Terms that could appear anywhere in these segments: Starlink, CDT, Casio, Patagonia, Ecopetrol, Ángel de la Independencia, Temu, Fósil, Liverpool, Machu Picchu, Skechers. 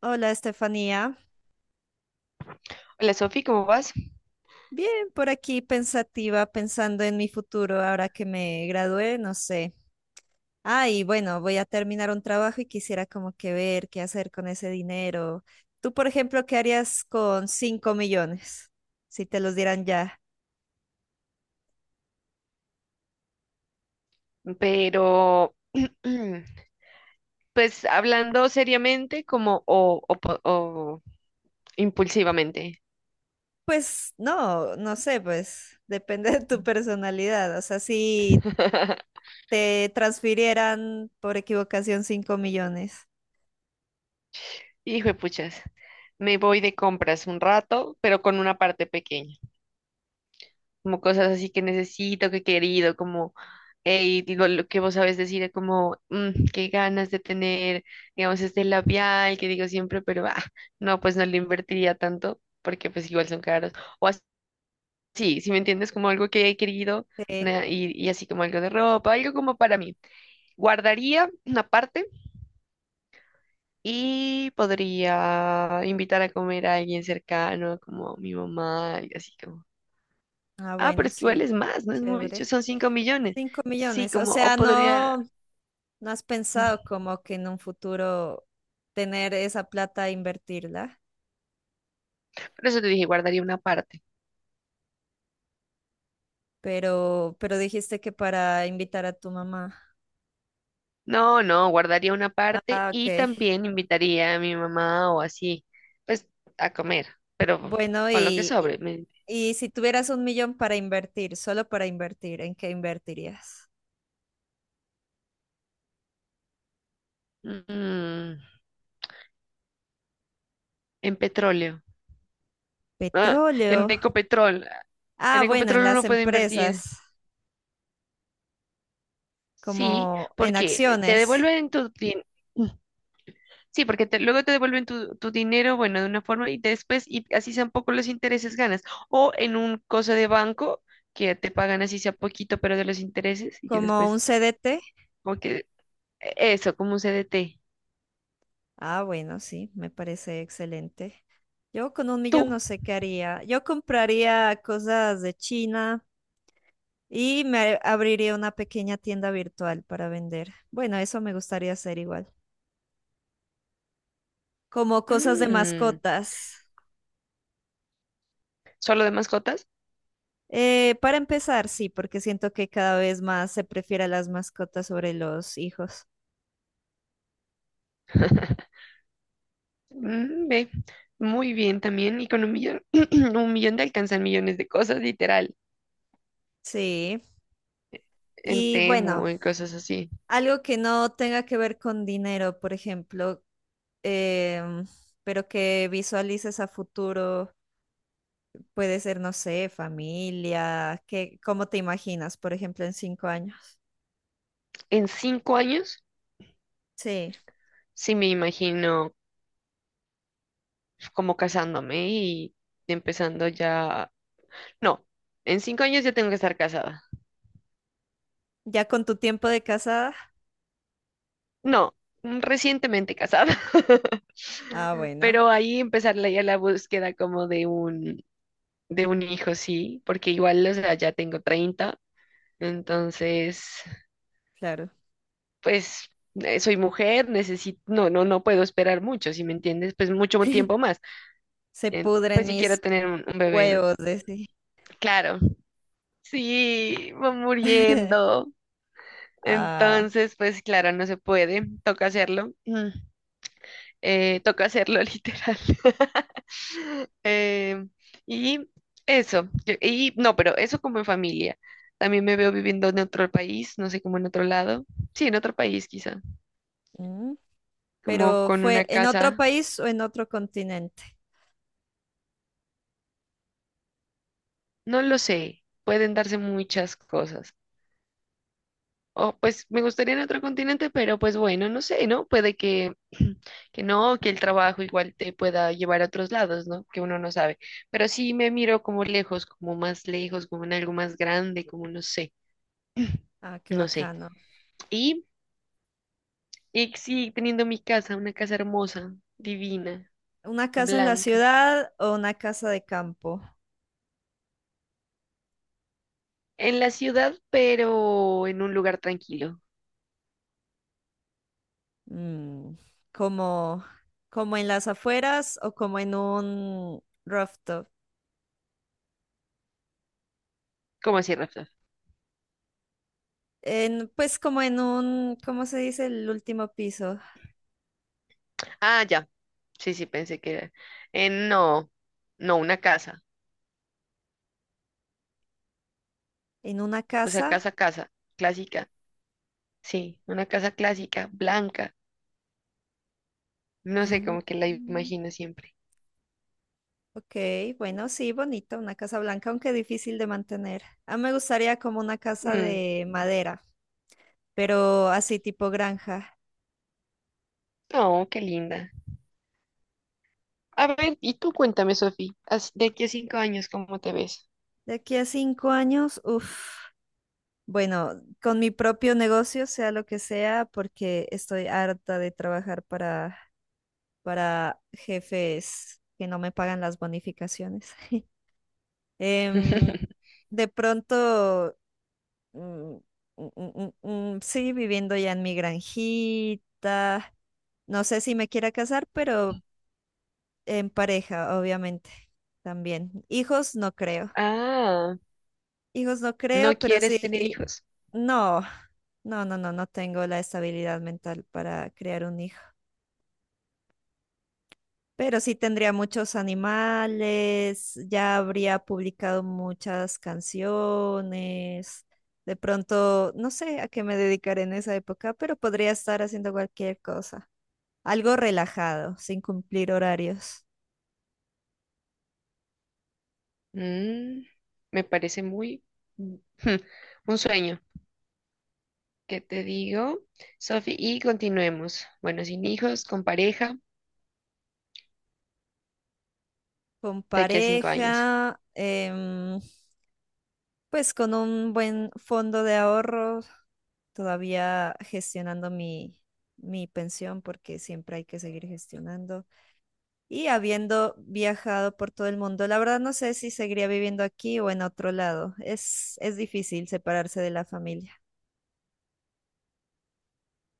Hola, Estefanía. Hola Sofi, ¿cómo vas? Bien, por aquí pensativa, pensando en mi futuro ahora que me gradué, no sé. Ah, y bueno, voy a terminar un trabajo y quisiera como que ver qué hacer con ese dinero. Tú, por ejemplo, ¿qué harías con 5 millones? Si te los dieran ya. Pero, pues hablando seriamente como o impulsivamente. Pues no, no sé, pues depende de tu personalidad. O sea, si te transfirieran por equivocación 5 millones. Hijo de puchas, me voy de compras un rato, pero con una parte pequeña, como cosas así que necesito, que he querido, como, hey, digo lo que vos sabes decir, como, qué ganas de tener, digamos, este labial que digo siempre, pero, ah, no, pues no le invertiría tanto, porque pues igual son caros. O Sí, si me entiendes, como algo que he querido Sí. Y así como algo de ropa, algo como para mí. Guardaría una parte y podría invitar a comer a alguien cercano, como mi mamá, y así como. Ah, Ah, pero bueno, es que igual sí. es más, no es Chévere. mucho, son 5 millones. Cinco Sí, millones, o como, o sea, podría. no, no has pensado Mm, como que en un futuro tener esa plata e invertirla, Por eso te dije, guardaría una parte. pero dijiste que para invitar a tu mamá. No, no, guardaría una parte Ah, y ok. también invitaría a mi mamá o así, pues a comer, pero Bueno, con lo que y, y sobre. Y si tuvieras 1 millón para invertir, solo para invertir, ¿en qué invertirías? Mm. En petróleo. Ah, en Petróleo. Ecopetrol. En Ah, bueno, en Ecopetrol las uno puede invertir. empresas, Sí, como en porque te acciones, devuelven Sí, porque luego te devuelven tu dinero, bueno, de una forma y después, y así sean poco los intereses ganas. O en un cosa de banco que te pagan así sea poquito, pero de los intereses y que como después, un CDT. como que eso, como un CDT. Ah, bueno, sí, me parece excelente. Yo con 1 millón Tú. no sé qué haría. Yo compraría cosas de China y me abriría una pequeña tienda virtual para vender. Bueno, eso me gustaría hacer igual. Como cosas de Mm, mascotas. ¿Solo de mascotas? Para empezar, sí, porque siento que cada vez más se prefiere a las mascotas sobre los hijos. Ve. Muy bien también, economía. 1 millón te alcanzan millones de cosas, literal. Sí. En Y Temu bueno. o en cosas así. Algo que no tenga que ver con dinero, por ejemplo, em, pero que visualices a futuro, puede ser, no sé, familia, qué, ¿cómo te imaginas, por ejemplo, en 5 años? En cinco años, Sí, sí me imagino como casándome y empezando ya. No, en 5 años ya tengo que estar casada. ya con tu tiempo de casada. No, recientemente casada. Ah, bueno, Pero ahí empezar ya la búsqueda como de un, hijo, sí, porque igual, o sea, ya tengo 30 entonces, claro. pues. Soy mujer, necesito, no, no, no puedo esperar mucho, ¿si me entiendes? Pues mucho tiempo más Se pudren pues si quiero mis tener un bebé en. huevos, decía. Claro, sí, va muriendo. Ah, Entonces, pues claro, no se puede, toca hacerlo. Toca hacerlo literal. Eh, y eso, y no, pero eso como en familia. También me veo viviendo en otro país, no sé, como en otro lado. Sí, en otro país quizá, mm, como pero con fue una en otro casa, país o en otro continente. no lo sé, pueden darse muchas cosas. O pues me gustaría en otro continente, pero pues bueno, no sé, ¿no? Puede que, que no, que el trabajo igual te pueda llevar a otros lados, ¿no? Que uno no sabe. Pero sí me miro como lejos, como más lejos, como en algo más grande, como no sé, Ah, qué no sé. bacano. Y, y sí, teniendo mi casa, una casa hermosa, divina, ¿Una casa en la blanca, ciudad o una casa de campo? en la ciudad, pero en un lugar tranquilo. Mm, como, como en las afueras o como en un rooftop. ¿Cómo así, Rafa? En, pues como en un, ¿cómo se dice? El último piso. Ah, ya. Sí, sí, pensé que era. No, no, una casa. En una O sea, casa. casa, casa, clásica. Sí, una casa clásica, blanca. No Ah, sé, como que la mm, imagino siempre. ok, bueno, sí, bonita, una casa blanca, aunque difícil de mantener. A mí me gustaría como una casa Mm, de madera, pero así tipo granja. oh, qué linda. A ver, y tú cuéntame, Sofi, de aquí a 5 años, cómo te ves? De aquí a 5 años, uff. Bueno, con mi propio negocio, sea lo que sea, porque estoy harta de trabajar para jefes que no me pagan las bonificaciones. Em, de pronto, mm, sí, viviendo ya en mi granjita. No sé si me quiera casar, pero en pareja, obviamente, también. Hijos no creo. Ah, Hijos no ¿no creo, pero quieres tener sí, hijos? no, no, no, no, no tengo la estabilidad mental para crear un hijo. Pero sí tendría muchos animales, ya habría publicado muchas canciones. De pronto, no sé a qué me dedicaré en esa época, pero podría estar haciendo cualquier cosa. Algo relajado, sin cumplir horarios. Mm, me parece muy mm, un sueño. ¿Qué te digo, Sofi? Y continuemos. Bueno, sin hijos, con pareja, Con de aquí a 5 años. pareja, pues con un buen fondo de ahorro, todavía gestionando mi pensión, porque siempre hay que seguir gestionando. Y habiendo viajado por todo el mundo, la verdad no sé si seguiría viviendo aquí o en otro lado. Es difícil separarse de la familia.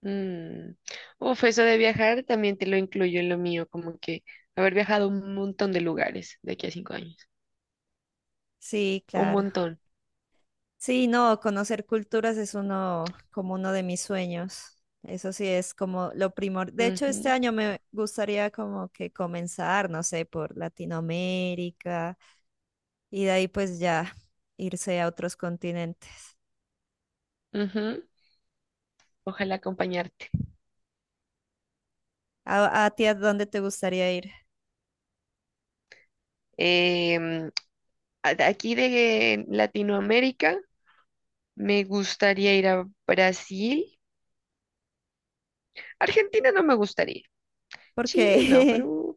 Mm. Uf, eso de viajar también te lo incluyo en lo mío, como que haber viajado a un montón de lugares de aquí a 5 años. Sí, Un claro. montón. Sí, no, conocer culturas es uno como uno de mis sueños. Eso sí es como lo primor. De hecho, este Ujú, año me gustaría como que comenzar, no sé, por Latinoamérica y de ahí pues ya irse a otros continentes. ujú. Ojalá acompañarte. ¿A ti a dónde te gustaría ir? Em, de aquí de Latinoamérica me gustaría ir a Brasil. Argentina no me gustaría. Porque Chile no, Perú,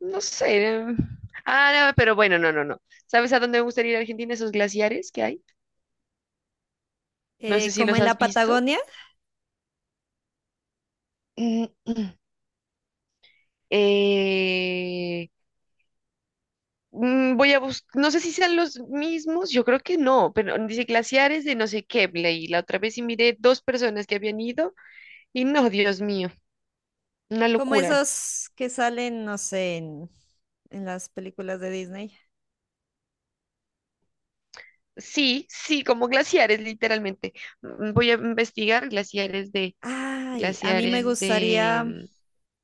no sé. Ah, no, pero bueno, no, no, no. ¿Sabes a dónde me gustaría ir? A Argentina. Esos glaciares que hay. No sé si como los en has la visto. Patagonia. Eh, voy a buscar, no sé si sean los mismos, yo creo que no, pero dice glaciares de no sé qué, leí la otra vez y miré dos personas que habían ido y no, Dios mío, una Como locura. esos que salen, no sé, en las películas de Disney. Sí, sí, como glaciares, literalmente. Voy a investigar glaciares de, Ay, a mí me glaciares gustaría, de,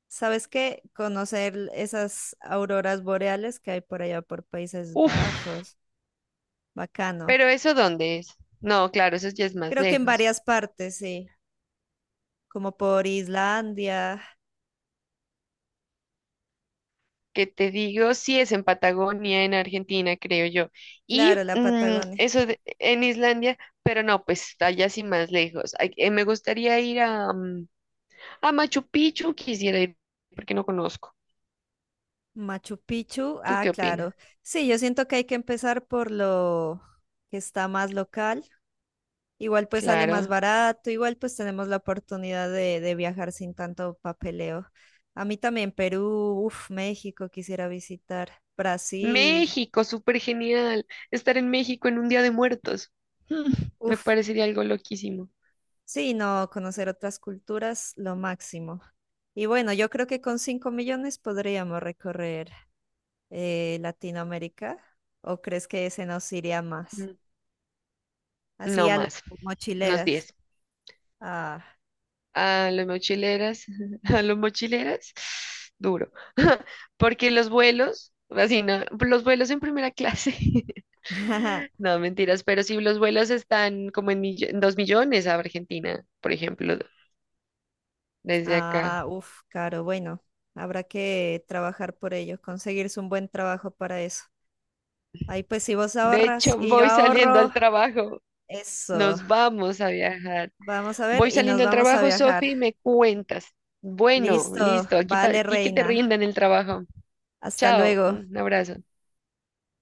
¿sabes qué? Conocer esas auroras boreales que hay por allá por Países uf, Bajos. Bacano. pero ¿eso dónde es? No, claro, eso ya es más Creo que en lejos. varias partes, sí. Como por Islandia, Que te digo, sí es en Patagonia, en Argentina, creo yo. Y claro, la Patagonia. En Islandia, pero no, pues está allá sí más lejos. Ay, me gustaría ir a Machu Picchu, quisiera ir porque no conozco. Machu Picchu, ¿Tú ah, qué opinas? claro. Sí, yo siento que hay que empezar por lo que está más local. Igual pues sale más Claro. barato, igual pues tenemos la oportunidad de viajar sin tanto papeleo. A mí también Perú, uff, México quisiera visitar, Brasil, México, súper genial. Estar en México en un Día de Muertos. Mm, me uff, parecería algo loquísimo. sí, no, conocer otras culturas, lo máximo. Y bueno, yo creo que con 5 millones podríamos recorrer Latinoamérica, ¿o crees que ese nos iría más? Mm, Así No a los más, unos mochileras. 10 Ah. a los mochileras, a los mochileras, duro, porque los vuelos, así no, los vuelos en primera clase, no, mentiras, pero sí los vuelos están como en 2 millones a Argentina, por ejemplo, desde acá. Ah, uff, caro. Bueno, habrá que trabajar por ello, conseguirse un buen trabajo para eso. Ahí pues si vos De ahorras hecho, y yo voy saliendo ahorro, al trabajo, eso. nos vamos a viajar. Vamos a ver Voy y nos saliendo al vamos a trabajo, viajar. Sofi, y me cuentas. Bueno, Listo, listo, aquí a vale, ti que te reina. rindan el trabajo. Hasta Chao, luego. un abrazo.